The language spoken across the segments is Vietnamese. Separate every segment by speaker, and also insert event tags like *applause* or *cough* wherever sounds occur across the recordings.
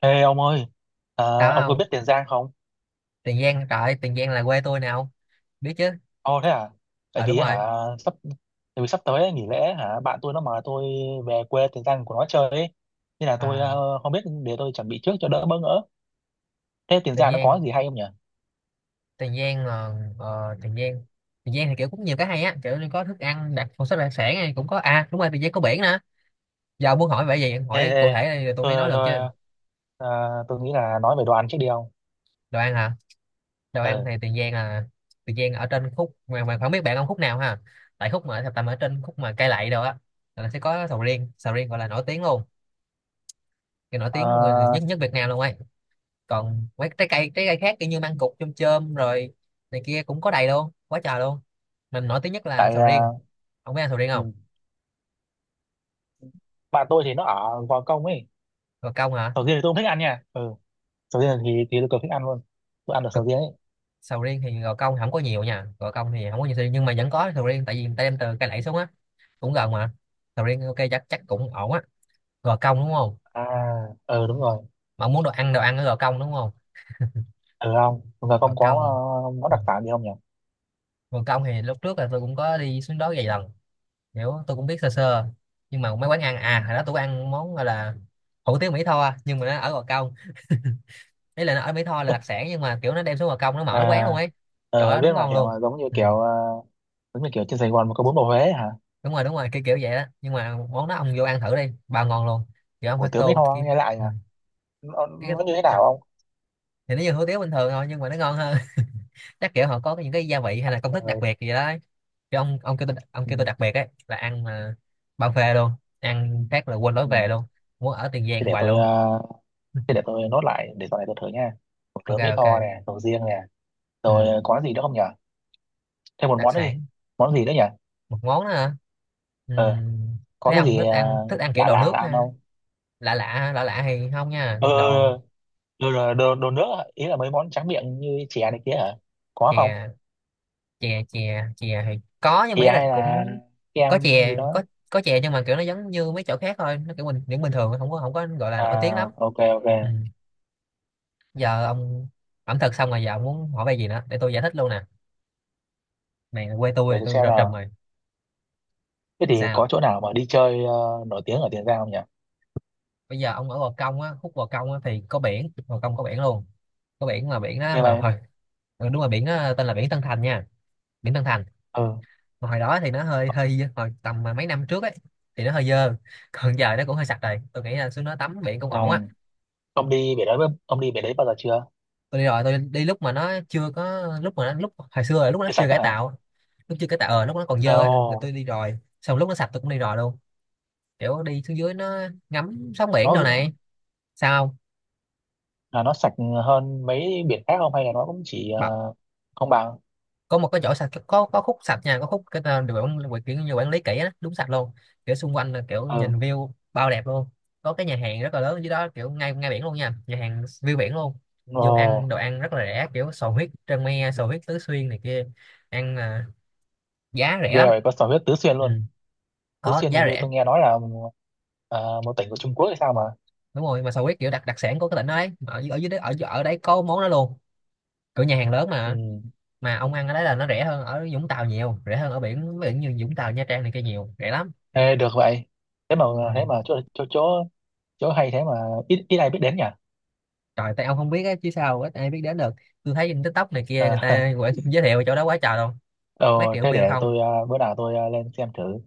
Speaker 1: Ê ông ơi, à,
Speaker 2: Đó
Speaker 1: ông có
Speaker 2: không?
Speaker 1: biết Tiền Giang không?
Speaker 2: Tiền Giang trời ơi, Tiền Giang là quê tôi nè không? Biết chứ.
Speaker 1: Ồ thế à? Tại
Speaker 2: Ờ đúng
Speaker 1: vì hả
Speaker 2: rồi.
Speaker 1: sắp Tại vì sắp tới ấy, nghỉ lễ hả, bạn tôi nó mời tôi về quê Tiền Giang của nó chơi ấy. Nên là tôi
Speaker 2: À,
Speaker 1: không biết, để tôi chuẩn bị trước cho đỡ bỡ ngỡ. Thế Tiền
Speaker 2: Tiền
Speaker 1: Giang nó có
Speaker 2: Giang
Speaker 1: gì hay không nhỉ?
Speaker 2: Tiền Giang là ờ, Tiền Giang Tiền Giang thì kiểu cũng nhiều cái hay á, kiểu như có thức ăn đặc một số đặc sản này cũng có, à đúng rồi, Tiền Giang có biển nữa. Giờ muốn hỏi vậy gì em
Speaker 1: Ê
Speaker 2: hỏi
Speaker 1: ê,
Speaker 2: cụ thể đây rồi tôi mới nói
Speaker 1: tôi
Speaker 2: được
Speaker 1: tôi
Speaker 2: chứ.
Speaker 1: ờ, tôi nghĩ là nói về đồ ăn trước đi ông.
Speaker 2: Đồ ăn hả? Đồ ăn
Speaker 1: Ừ.
Speaker 2: thì Tiền Giang là Tiền Giang ở trên khúc mà không biết bạn ăn khúc nào ha. Tại khúc mà tầm ở trên khúc mà cây lậy đồ á là sẽ có sầu riêng gọi là nổi tiếng luôn, cái nổi
Speaker 1: Ờ,
Speaker 2: tiếng nhất nhất Việt Nam luôn ấy, còn mấy trái cây khác kiểu như măng cụt chôm chôm rồi này kia cũng có đầy luôn quá trời luôn, mình nổi tiếng nhất là
Speaker 1: tại
Speaker 2: sầu
Speaker 1: ờ,
Speaker 2: riêng. Ông biết ăn sầu riêng
Speaker 1: ừ,
Speaker 2: không?
Speaker 1: bạn tôi thì nó ở Gò Công ấy.
Speaker 2: Gò Công hả?
Speaker 1: Sầu riêng thì tôi không thích ăn nha. Ừ. Sầu riêng thì tôi cực thích ăn luôn. Tôi ăn được
Speaker 2: Cực.
Speaker 1: sầu riêng ấy.
Speaker 2: Sầu riêng thì Gò Công không có nhiều nha, Gò Công thì không có nhiều sầu riêng nhưng mà vẫn có sầu riêng tại vì người ta đem từ cây lẫy xuống á, cũng gần mà. Sầu riêng ok, chắc chắc cũng ổn á. Gò Công đúng không?
Speaker 1: À, ừ đúng rồi.
Speaker 2: Mà ông muốn đồ ăn ở Gò Công đúng không?
Speaker 1: Ừ, không, chúng ta
Speaker 2: Gò
Speaker 1: không có
Speaker 2: Công.
Speaker 1: món
Speaker 2: Ừ.
Speaker 1: đặc sản gì không nhỉ?
Speaker 2: Gò Công thì lúc trước là tôi cũng có đi xuống đó vài lần, kiểu tôi cũng biết sơ sơ, nhưng mà mấy quán ăn
Speaker 1: Ừ.
Speaker 2: à, hồi đó tôi có ăn món gọi là hủ tiếu Mỹ Tho nhưng mà nó ở Gò Công, ý là nó ở Mỹ Tho là đặc sản nhưng mà kiểu nó đem xuống Gò Công nó mở quán
Speaker 1: à
Speaker 2: luôn ấy. Trời ơi
Speaker 1: biết
Speaker 2: đúng
Speaker 1: mà,
Speaker 2: ngon
Speaker 1: hiểu
Speaker 2: luôn.
Speaker 1: mà, giống như
Speaker 2: Ừ.
Speaker 1: kiểu trên Sài Gòn mà có bún bò Huế ấy hả?
Speaker 2: Đúng rồi đúng rồi, kiểu kiểu vậy đó, nhưng mà món đó ông vô ăn thử đi, bao ngon luôn, kiểu ông
Speaker 1: Hủ
Speaker 2: phải
Speaker 1: tướng Mỹ
Speaker 2: tô
Speaker 1: Tho
Speaker 2: kia.
Speaker 1: nghe lại
Speaker 2: Ừ.
Speaker 1: hả? nó,
Speaker 2: cái cái-
Speaker 1: nó như thế nào
Speaker 2: chắc-
Speaker 1: không?
Speaker 2: thì nó như hủ tiếu bình thường thôi nhưng mà nó ngon hơn. *laughs* Chắc kiểu họ có những cái gia vị hay là công
Speaker 1: Ờ,
Speaker 2: thức đặc biệt gì đó ấy. Chứ ông kêu tôi, ông
Speaker 1: ừ,
Speaker 2: kêu tôi đặc biệt ấy là ăn mà bao phê luôn, ăn phát là quên lối
Speaker 1: ừ.
Speaker 2: về luôn, muốn ở Tiền
Speaker 1: Thế
Speaker 2: Giang
Speaker 1: để
Speaker 2: hoài
Speaker 1: tôi
Speaker 2: luôn.
Speaker 1: ờ,
Speaker 2: *laughs*
Speaker 1: thế để tôi nốt lại để sau này tôi thử nha. Hủ
Speaker 2: Ok
Speaker 1: tướng Mỹ
Speaker 2: ok.
Speaker 1: Tho nè, sầu riêng nè,
Speaker 2: Ừ.
Speaker 1: rồi có gì nữa không nhỉ? Thêm một
Speaker 2: Đặc
Speaker 1: món nữa đi.
Speaker 2: sản.
Speaker 1: Món gì nữa nhỉ?
Speaker 2: Một món nữa hả? Ừ.
Speaker 1: ờ có
Speaker 2: Thấy
Speaker 1: cái
Speaker 2: ông
Speaker 1: gì
Speaker 2: thích ăn, thích ăn kiểu
Speaker 1: lạ
Speaker 2: đồ
Speaker 1: lạ
Speaker 2: nước
Speaker 1: ăn
Speaker 2: ha.
Speaker 1: không?
Speaker 2: Lạ lạ, lạ lạ thì không nha,
Speaker 1: ờ
Speaker 2: đồ.
Speaker 1: ờ, đồ nước, ý là mấy món tráng miệng như chè này kia hả? Có không?
Speaker 2: Chè. Chè thì có nhưng mà
Speaker 1: Thì
Speaker 2: ý là
Speaker 1: hay là
Speaker 2: cũng
Speaker 1: kem
Speaker 2: có
Speaker 1: gì
Speaker 2: chè
Speaker 1: đó.
Speaker 2: có. Có chè nhưng mà kiểu nó giống như mấy chỗ khác thôi, nó kiểu bình thường, không có, không có gọi là nổi tiếng lắm.
Speaker 1: À, ok ok.
Speaker 2: Ừ. Giờ ông, ẩm thực xong rồi giờ ông muốn hỏi về gì nữa để tôi giải thích luôn nè, mày là quê tôi
Speaker 1: Để
Speaker 2: thì
Speaker 1: tôi
Speaker 2: tôi
Speaker 1: xem
Speaker 2: rờ trùm
Speaker 1: nào.
Speaker 2: rồi.
Speaker 1: Thế thì có
Speaker 2: Sao?
Speaker 1: chỗ nào mà đi chơi, nổi tiếng ở Tiền Giang không nhỉ?
Speaker 2: Bây giờ ông ở Gò Công á, khúc Gò Công á thì có biển, Gò Công có biển luôn, có biển mà biển đó
Speaker 1: Như
Speaker 2: hồi
Speaker 1: vậy.
Speaker 2: hồi- ừ, đúng rồi, biển đó tên là biển Tân Thành nha, biển Tân Thành.
Speaker 1: Ừ.
Speaker 2: Mà hồi đó thì nó hơi hơi dơ, hồi tầm mà mấy năm trước ấy thì nó hơi dơ, còn giờ nó cũng hơi sạch rồi, tôi nghĩ là xuống nó tắm biển cũng
Speaker 1: À,
Speaker 2: ổn á.
Speaker 1: ông đi biển đấy ông đi biển đấy bao giờ chưa?
Speaker 2: Tôi đi rồi, tôi đi lúc mà nó chưa có, lúc mà nó, lúc hồi xưa là lúc nó
Speaker 1: Cái
Speaker 2: chưa
Speaker 1: sạch đó
Speaker 2: cải
Speaker 1: hả?
Speaker 2: tạo, lúc chưa cải tạo, lúc nó còn
Speaker 1: Ồ,
Speaker 2: dơ á là tôi đi rồi, xong lúc nó sạch tôi cũng đi rồi luôn, kiểu đi xuống dưới nó ngắm sóng biển đồ
Speaker 1: nó
Speaker 2: này. Sao
Speaker 1: nó sạch hơn mấy biển khác không, hay là nó cũng chỉ
Speaker 2: không?
Speaker 1: không bằng.
Speaker 2: Có một cái chỗ sạch, có khúc sạch nha, có khúc cái tên được quản quản- kiểu như quản lý kỹ á, đúng sạch luôn, kiểu xung quanh là kiểu
Speaker 1: Ừ.
Speaker 2: nhìn view bao đẹp luôn, có cái nhà hàng rất là lớn dưới đó kiểu ngay ngay biển luôn nha, nhà hàng view biển luôn,
Speaker 1: Ồ,
Speaker 2: vô ăn đồ ăn rất là rẻ, kiểu sò huyết trân me, sò huyết Tứ Xuyên này kia. Ăn à, giá rẻ
Speaker 1: ghê
Speaker 2: lắm.
Speaker 1: vậy, có sò huyết Tứ Xuyên
Speaker 2: Ừ.
Speaker 1: luôn. Tứ
Speaker 2: Có
Speaker 1: Xuyên
Speaker 2: giá
Speaker 1: hình như
Speaker 2: rẻ.
Speaker 1: tôi nghe nói là một tỉnh của Trung Quốc hay sao mà.
Speaker 2: Đúng rồi, mà sò huyết kiểu đặc đặc sản của cái tỉnh đó đấy, ở, ở dưới đấy, ở ở đấy có món đó luôn, kiểu nhà hàng lớn
Speaker 1: Ừ.
Speaker 2: mà ông ăn ở đấy là nó rẻ hơn ở Vũng Tàu nhiều, rẻ hơn ở biển, biển như Vũng Tàu Nha Trang này kia nhiều, rẻ lắm.
Speaker 1: Ê, được vậy. thế mà
Speaker 2: Ừ.
Speaker 1: thế mà chỗ chỗ chỗ chỗ hay, thế mà ít ít ai biết đến nhỉ?
Speaker 2: Trời, tại ông không biết á, chứ sao ít ai biết đến được. Tôi thấy trên TikTok này kia người
Speaker 1: À, *laughs*
Speaker 2: ta quảng- giới thiệu chỗ đó quá trời luôn. Mấy
Speaker 1: ờ,
Speaker 2: triệu
Speaker 1: thế
Speaker 2: view
Speaker 1: để
Speaker 2: không.
Speaker 1: tôi, bữa nào tôi lên xem thử.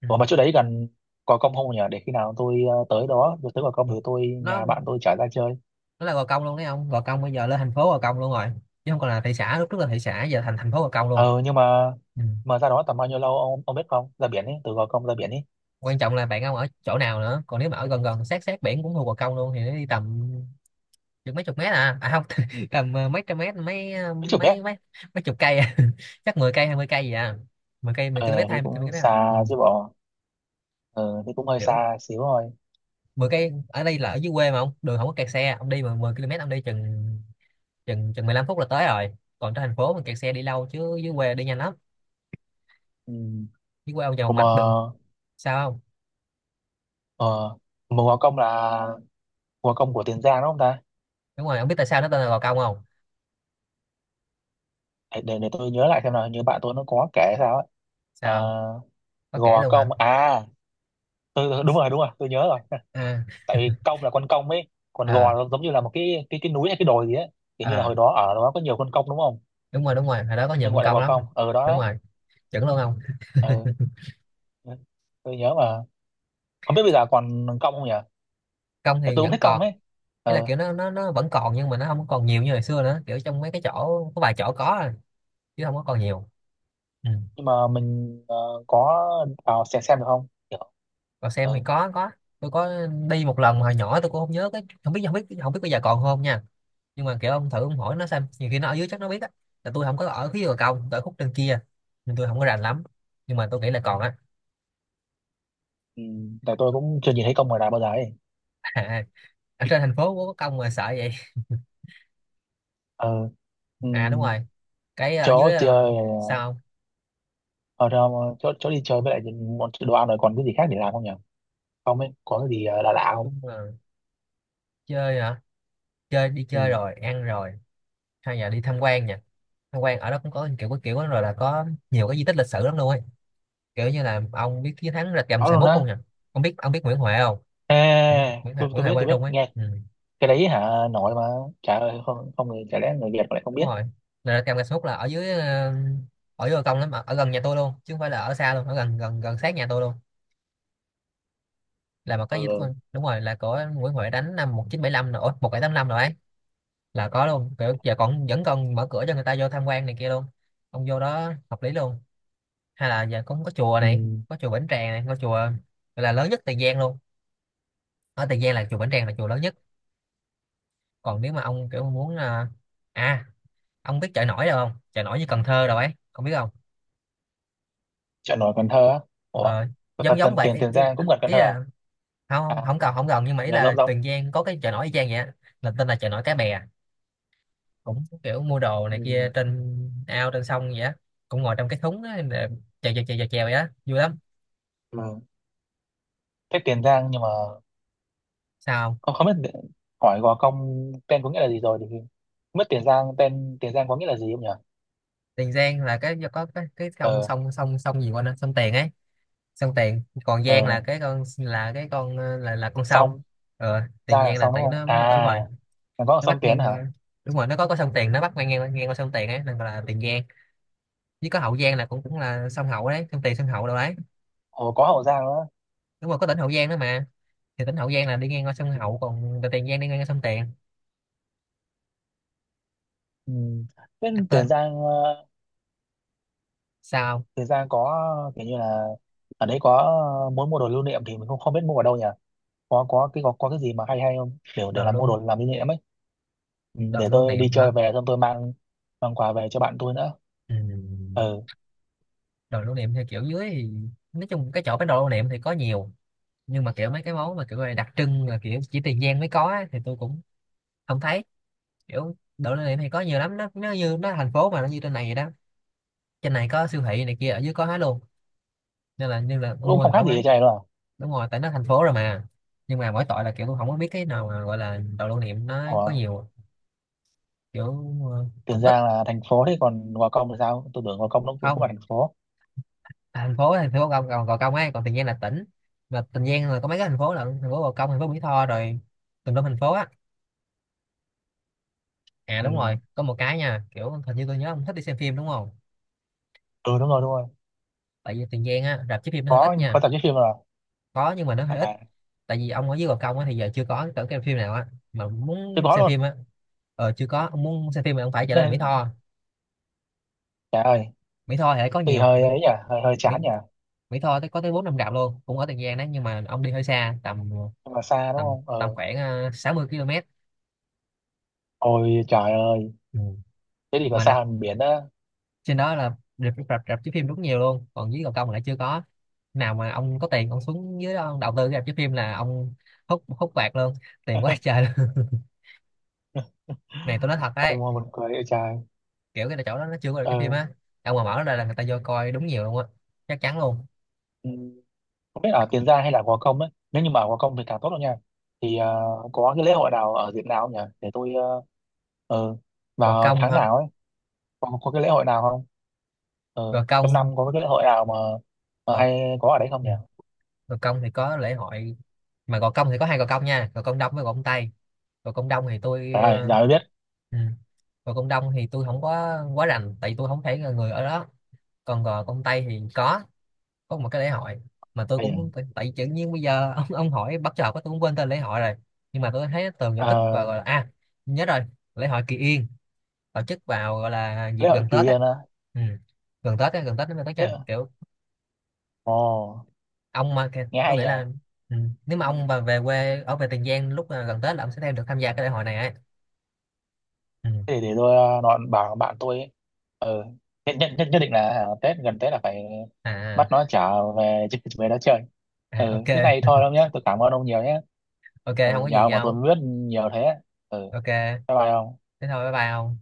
Speaker 2: Ừ.
Speaker 1: Ủa, mà chỗ đấy gần Gò Công không nhỉ, để khi nào tôi tới đó, rồi tới Gò Công thì tôi
Speaker 2: Nó
Speaker 1: nhà bạn tôi chở ra chơi.
Speaker 2: nó là Gò Công luôn đấy ông. Gò Công bây giờ lên thành phố Gò Công luôn rồi. Chứ không còn là thị xã, lúc trước là thị xã giờ thành thành phố Gò Công luôn.
Speaker 1: Ờ nhưng mà
Speaker 2: Ừ.
Speaker 1: mà ra đó tầm bao nhiêu lâu, ông biết không? Ra biển ấy, từ Gò Công ra biển ấy.
Speaker 2: Quan trọng là bạn ông ở chỗ nào nữa. Còn nếu mà ở gần gần sát sát biển cũng thuộc Gò Công luôn thì nó đi tầm chừng mấy chục mét à. À không, *laughs* tầm mấy trăm mét, mấy
Speaker 1: Mấy chục mét.
Speaker 2: mấy mấy mấy chục cây à. *laughs* Chắc 10 cây 20 cây gì à. Mười cây,
Speaker 1: Ờ
Speaker 2: 10 km
Speaker 1: thì
Speaker 2: 20
Speaker 1: cũng
Speaker 2: km à.
Speaker 1: xa
Speaker 2: Ừ.
Speaker 1: chứ bộ. Thì cũng hơi
Speaker 2: Kiểu
Speaker 1: xa xíu rồi.
Speaker 2: 10 cây ở đây là ở dưới quê mà ông, đường không có kẹt xe, ông đi mà 10 km ông đi chừng chừng chừng 15 phút là tới rồi, còn trên thành phố mình kẹt xe đi lâu chứ dưới quê đi nhanh lắm,
Speaker 1: Ừ.
Speaker 2: dưới quê ông vào
Speaker 1: Ủa
Speaker 2: mạch đường. Sao không?
Speaker 1: ờ mà Gò Công là Gò Công của Tiền Giang đúng không ta?
Speaker 2: Đúng rồi, ông biết tại sao nó tên là Gò Công không?
Speaker 1: Để tôi nhớ lại xem nào, như bạn tôi nó có kể sao ấy. Ờ,
Speaker 2: Sao không? Có kể
Speaker 1: gò
Speaker 2: luôn
Speaker 1: công
Speaker 2: hả?
Speaker 1: à, tôi đúng rồi, đúng rồi, tôi nhớ rồi. *laughs*
Speaker 2: À.
Speaker 1: Tại công là con công ấy, còn
Speaker 2: Ờ.
Speaker 1: gò là giống như là một cái núi hay cái đồi gì ấy. Kiểu như là
Speaker 2: Ờ
Speaker 1: hồi đó ở đó có nhiều con công đúng không,
Speaker 2: đúng rồi, đúng rồi, hồi đó có nhiều
Speaker 1: nên
Speaker 2: con
Speaker 1: gọi là
Speaker 2: công
Speaker 1: gò
Speaker 2: lắm.
Speaker 1: công ở đó
Speaker 2: Đúng
Speaker 1: đó.
Speaker 2: rồi, chuẩn luôn không.
Speaker 1: Ừ. Tôi nhớ mà, không biết bây giờ còn công không nhỉ,
Speaker 2: Công
Speaker 1: tại tôi
Speaker 2: thì
Speaker 1: cũng
Speaker 2: vẫn
Speaker 1: thích công
Speaker 2: còn,
Speaker 1: ấy.
Speaker 2: nghĩa là
Speaker 1: Ừ.
Speaker 2: kiểu nó vẫn còn nhưng mà nó không còn nhiều như hồi xưa nữa, kiểu trong mấy cái chỗ có vài chỗ có à, chứ không có còn nhiều. Ừ.
Speaker 1: Nhưng mà mình có vào xem được không kiểu.
Speaker 2: Còn xem thì
Speaker 1: Ừ.
Speaker 2: có có. Tôi có đi một lần mà hồi nhỏ, tôi cũng không nhớ cái, không biết không biết bây giờ còn không nha, nhưng mà kiểu ông thử ông hỏi nó xem, nhiều khi nó ở dưới chắc nó biết á, là tôi không có ở phía bờ công, tôi ở khúc trên kia nên tôi không có rành lắm, nhưng mà tôi nghĩ là còn á.
Speaker 1: Ừ, tại tôi cũng chưa nhìn thấy công ngoài đời bao giờ ấy.
Speaker 2: *laughs* À, ở trên thành phố có công mà sợ vậy.
Speaker 1: Ừ. Ừ.
Speaker 2: À đúng rồi, cái ở
Speaker 1: Chỗ
Speaker 2: dưới
Speaker 1: chơi.
Speaker 2: sao không?
Speaker 1: Ở chỗ đi chơi, với lại bọn đồ ăn rồi, còn cái gì khác để làm không nhỉ? Không ấy, có cái gì lạ lạ không?
Speaker 2: Đúng là chơi hả? Chơi, đi
Speaker 1: Ừ,
Speaker 2: chơi rồi ăn rồi, hay là đi tham quan nha. Tham quan ở đó cũng có, kiểu có kiểu đó rồi là có nhiều cái di tích lịch sử lắm luôn ấy, kiểu như là ông biết chiến thắng Rạch Gầm
Speaker 1: có luôn
Speaker 2: 21 không
Speaker 1: á.
Speaker 2: nhỉ? Ông biết, ông biết Nguyễn Huệ không?
Speaker 1: À,
Speaker 2: Nguyễn Nguyễn Huệ,
Speaker 1: tôi
Speaker 2: Nguyễn
Speaker 1: tôi
Speaker 2: Huệ
Speaker 1: biết, tôi
Speaker 2: Quang Trung
Speaker 1: biết
Speaker 2: ấy,
Speaker 1: nghe.
Speaker 2: ừ,
Speaker 1: Cái đấy hả, nổi mà. Trời ơi, không, không, chả lẽ người Việt mà lại không
Speaker 2: đúng
Speaker 1: biết.
Speaker 2: rồi, là Rạch Gầm 21 là ở dưới ở dưới bờ công lắm, ở, ở gần nhà tôi luôn chứ không phải là ở xa luôn, ở gần gần gần sát nhà tôi luôn, là một cái gì đó-
Speaker 1: Ừ.
Speaker 2: đúng rồi, là của Nguyễn Huệ đánh năm 1975 nữa, bảy 1785 rồi, một bảy tám năm rồi ấy, là có luôn kiểu giờ còn vẫn còn mở cửa cho người ta vô tham quan này kia luôn, ông vô đó hợp lý luôn. Hay là giờ cũng có chùa
Speaker 1: Ừ.
Speaker 2: này, có chùa Bỉnh Tràng này, có chùa gọi là lớn nhất Tiền Giang luôn, ở Tiền Giang là chùa Bỉnh Tràng là chùa lớn nhất. Còn nếu mà ông kiểu muốn à, ông biết chợ nổi đâu không, chợ nổi như Cần Thơ đâu ấy, không biết không?
Speaker 1: Chợ nổi Cần Thơ á? Ủa,
Speaker 2: Ờ,
Speaker 1: T- t-
Speaker 2: giống giống
Speaker 1: tiền tiền
Speaker 2: vậy,
Speaker 1: Tiền
Speaker 2: ý, ý,
Speaker 1: Giang cũng gần Cần
Speaker 2: ý
Speaker 1: Thơ à?
Speaker 2: là không không
Speaker 1: À,
Speaker 2: không cần không gần, nhưng mà ý
Speaker 1: là giống
Speaker 2: là
Speaker 1: giống.
Speaker 2: Tiền Giang có cái chợ nổi y chang vậy á, là tên là chợ nổi Cái Bè, cũng kiểu mua đồ này kia
Speaker 1: Ừ,
Speaker 2: trên ao, trên sông vậy á, cũng ngồi trong cái thúng á để chèo chèo chèo chèo chèo vậy á, vui lắm.
Speaker 1: mà thế Tiền Giang nhưng mà
Speaker 2: Sao không?
Speaker 1: không không biết hỏi Gò Công tên có nghĩa là gì rồi, thì không biết Tiền Giang tên Tiền Giang có nghĩa là gì không nhỉ?
Speaker 2: Tiền Giang là cái có cái sông
Speaker 1: ờ
Speaker 2: sông sông sông gì quên á, sông Tiền ấy. Sông Tiền, còn Giang là
Speaker 1: ờ
Speaker 2: là con sông.
Speaker 1: xong.
Speaker 2: Tiền
Speaker 1: Giang là
Speaker 2: Giang là
Speaker 1: xong đúng
Speaker 2: tại
Speaker 1: không
Speaker 2: nó ở, đúng rồi,
Speaker 1: à? Còn có ở
Speaker 2: nó
Speaker 1: sông
Speaker 2: bắc
Speaker 1: Tiến
Speaker 2: ngang
Speaker 1: hả?
Speaker 2: qua. Đúng rồi, nó có sông Tiền, nó bắc ngang ngang, ngang qua sông Tiền ấy nên gọi là Tiền Giang. Với có Hậu Giang là cũng cũng là sông Hậu đấy, sông Tiền sông Hậu đâu đấy.
Speaker 1: Ồ, có Hậu Giang nữa.
Speaker 2: Đúng rồi, có tỉnh Hậu Giang nữa mà. Thì tỉnh Hậu Giang là đi ngang qua sông Hậu, còn Tiền Giang đi ngang qua sông Tiền.
Speaker 1: Ừ. Thế
Speaker 2: Đặt tên
Speaker 1: Tiền Giang
Speaker 2: sao?
Speaker 1: Tiền Giang có kiểu như là ở đấy có muốn mua đồ lưu niệm thì mình không không biết mua ở đâu nhỉ? Có cái gì mà hay hay không, để
Speaker 2: Đồ
Speaker 1: làm mua
Speaker 2: lưu,
Speaker 1: đồ làm lưu niệm ấy. Ừ,
Speaker 2: đồ
Speaker 1: để
Speaker 2: lưu
Speaker 1: tôi đi
Speaker 2: niệm hả?
Speaker 1: chơi về xong tôi mang mang quà về cho bạn tôi nữa.
Speaker 2: Ừ.
Speaker 1: Ừ.
Speaker 2: Đồ lưu niệm theo kiểu dưới thì nói chung cái chỗ bán đồ lưu niệm thì có nhiều, nhưng mà kiểu mấy cái món mà kiểu là đặc trưng, là kiểu chỉ Tiền Giang mới có á, thì tôi cũng không thấy. Kiểu đồ lưu niệm thì có nhiều lắm, nó thành phố mà, nó như trên này vậy đó. Trên này có siêu thị này kia, ở dưới có hết luôn. Nên là ông
Speaker 1: Cũng
Speaker 2: mua
Speaker 1: không khác
Speaker 2: thoải
Speaker 1: gì
Speaker 2: mái.
Speaker 1: cho này đâu à.
Speaker 2: Đúng rồi, tại nó thành phố rồi mà. Nhưng mà mỗi tội là kiểu tôi không có biết cái nào mà gọi là đồ lưu niệm, nó
Speaker 1: Ủa,
Speaker 2: có nhiều kiểu.
Speaker 1: Tiền
Speaker 2: Cũng ít.
Speaker 1: Giang là thành phố, thế còn Gò Công thì sao, tôi tưởng Gò Công nó cũng cũng
Speaker 2: Không.
Speaker 1: là thành phố.
Speaker 2: À, thành phố, thành phố Gò Gò, Gò Công ấy, còn Tiền Giang là tỉnh. Mà Tiền Giang là có mấy cái thành phố lận, thành phố Gò Công, thành phố Mỹ Tho, rồi tùm lum thành phố á. À đúng
Speaker 1: Ừ.
Speaker 2: rồi, có một cái nha, kiểu hình như tôi nhớ ông thích đi xem phim đúng không?
Speaker 1: Ừ đúng rồi, đúng rồi,
Speaker 2: Tại vì Tiền Giang á, rạp chiếu phim nó hơi
Speaker 1: có
Speaker 2: ít
Speaker 1: có
Speaker 2: nha.
Speaker 1: tập chí phim rồi.
Speaker 2: Có nhưng mà nó hơi ít.
Speaker 1: À,
Speaker 2: Tại vì ông ở dưới Gò Công á, thì giờ chưa có cái phim nào á, mà
Speaker 1: tôi
Speaker 2: muốn
Speaker 1: có
Speaker 2: xem
Speaker 1: luôn.
Speaker 2: phim á. Ờ, chưa có. Ông muốn xem phim thì ông phải trở lên Mỹ
Speaker 1: Nên
Speaker 2: Tho.
Speaker 1: trời ơi,
Speaker 2: Mỹ Tho thì lại có
Speaker 1: thì
Speaker 2: nhiều.
Speaker 1: hơi
Speaker 2: Mỹ
Speaker 1: ấy nhỉ, hơi hơi chán
Speaker 2: Mỹ
Speaker 1: nhỉ.
Speaker 2: Mỹ Tho có tới bốn năm rạp luôn, cũng ở Tiền Giang đấy, nhưng mà ông đi hơi xa, tầm
Speaker 1: Nhưng mà xa đúng
Speaker 2: tầm
Speaker 1: không?
Speaker 2: tầm
Speaker 1: Ờ
Speaker 2: khoảng 60 km.
Speaker 1: Ôi trời ơi,
Speaker 2: Ừ.
Speaker 1: thế thì có
Speaker 2: Mà
Speaker 1: xa
Speaker 2: rạp
Speaker 1: hơn biển á.
Speaker 2: trên đó là rạp rạp rạp chiếu phim rất nhiều luôn, còn dưới Gò Công lại chưa có nào. Mà ông có tiền ông xuống dưới đó ông đầu tư cái rạp chiếu phim là ông hút hút bạc luôn, tiền quá
Speaker 1: *laughs*
Speaker 2: trời luôn. *laughs* Này tôi nói thật
Speaker 1: Ông
Speaker 2: đấy,
Speaker 1: mà buồn cười ơi trời.
Speaker 2: kiểu cái chỗ đó nó chưa có được cái phim
Speaker 1: Ờ,
Speaker 2: á, ông mà mở ra là người ta vô coi đúng nhiều luôn á, chắc chắn luôn.
Speaker 1: ừ, không biết ở Tiền Giang hay là Gò Công ấy. Nếu như mà ở Gò Công thì càng tốt đâu nha. Thì có cái lễ hội nào ở dịp nào không nhỉ? Để tôi ờ,
Speaker 2: Gò
Speaker 1: vào
Speaker 2: Công
Speaker 1: tháng
Speaker 2: hả?
Speaker 1: nào ấy, có cái lễ hội nào không? Ờ,
Speaker 2: Gò
Speaker 1: trong
Speaker 2: Công
Speaker 1: năm có cái lễ hội nào mà
Speaker 2: Gò
Speaker 1: hay có ở đấy không
Speaker 2: Ừ.
Speaker 1: nhỉ?
Speaker 2: Gò Công thì có lễ hội. Mà Gò Công thì có hai Gò Công nha, Gò Công Đông với Gò Công Tây. Gò Công Đông thì tôi
Speaker 1: Trời ơi, giờ mới biết.
Speaker 2: ừ, Gò Công Đông thì tôi không có quá rành tại vì tôi không phải là người ở đó. Còn Gò Công Tây thì có một cái lễ hội, mà tôi
Speaker 1: Hay
Speaker 2: cũng,
Speaker 1: nhỉ?
Speaker 2: tại vì tự nhiên bây giờ *laughs* ông hỏi bắt chợt quá tôi cũng quên tên lễ hội rồi. Nhưng mà tôi thấy tường giải thích và
Speaker 1: Ờ,
Speaker 2: gọi là, à nhớ rồi, lễ hội Kỳ Yên, tổ chức vào gọi là dịp
Speaker 1: lễ hội
Speaker 2: gần
Speaker 1: kỳ
Speaker 2: Tết á.
Speaker 1: Yên á.
Speaker 2: Ừ. Gần Tết á, gần Tết đến tới
Speaker 1: Lễ...
Speaker 2: nha, kiểu
Speaker 1: Ồ,
Speaker 2: ông mà kìa,
Speaker 1: nghe
Speaker 2: tôi
Speaker 1: hay
Speaker 2: nghĩ
Speaker 1: nhỉ?
Speaker 2: là, ừ, nếu mà ông mà về quê ở về Tiền Giang lúc gần Tết là ông sẽ thêm được tham gia cái đại hội này ấy. Ừ.
Speaker 1: Thế để tôi nói bảo bạn tôi ấy. Ờ, nhất định là hả, Tết gần Tết là phải
Speaker 2: à, à
Speaker 1: bắt nó trở về *laughs* về đó chơi.
Speaker 2: À,
Speaker 1: Ừ,
Speaker 2: ok.
Speaker 1: thế này thôi đâu nhé, tôi cảm ơn ông nhiều nhé.
Speaker 2: Ok, không
Speaker 1: Ừ,
Speaker 2: có
Speaker 1: nhờ
Speaker 2: gì
Speaker 1: ông mà tôi
Speaker 2: nhau.
Speaker 1: mới biết nhiều thế. Ừ,
Speaker 2: Ok,
Speaker 1: bye bye ông.
Speaker 2: thế thôi, bye bye ông.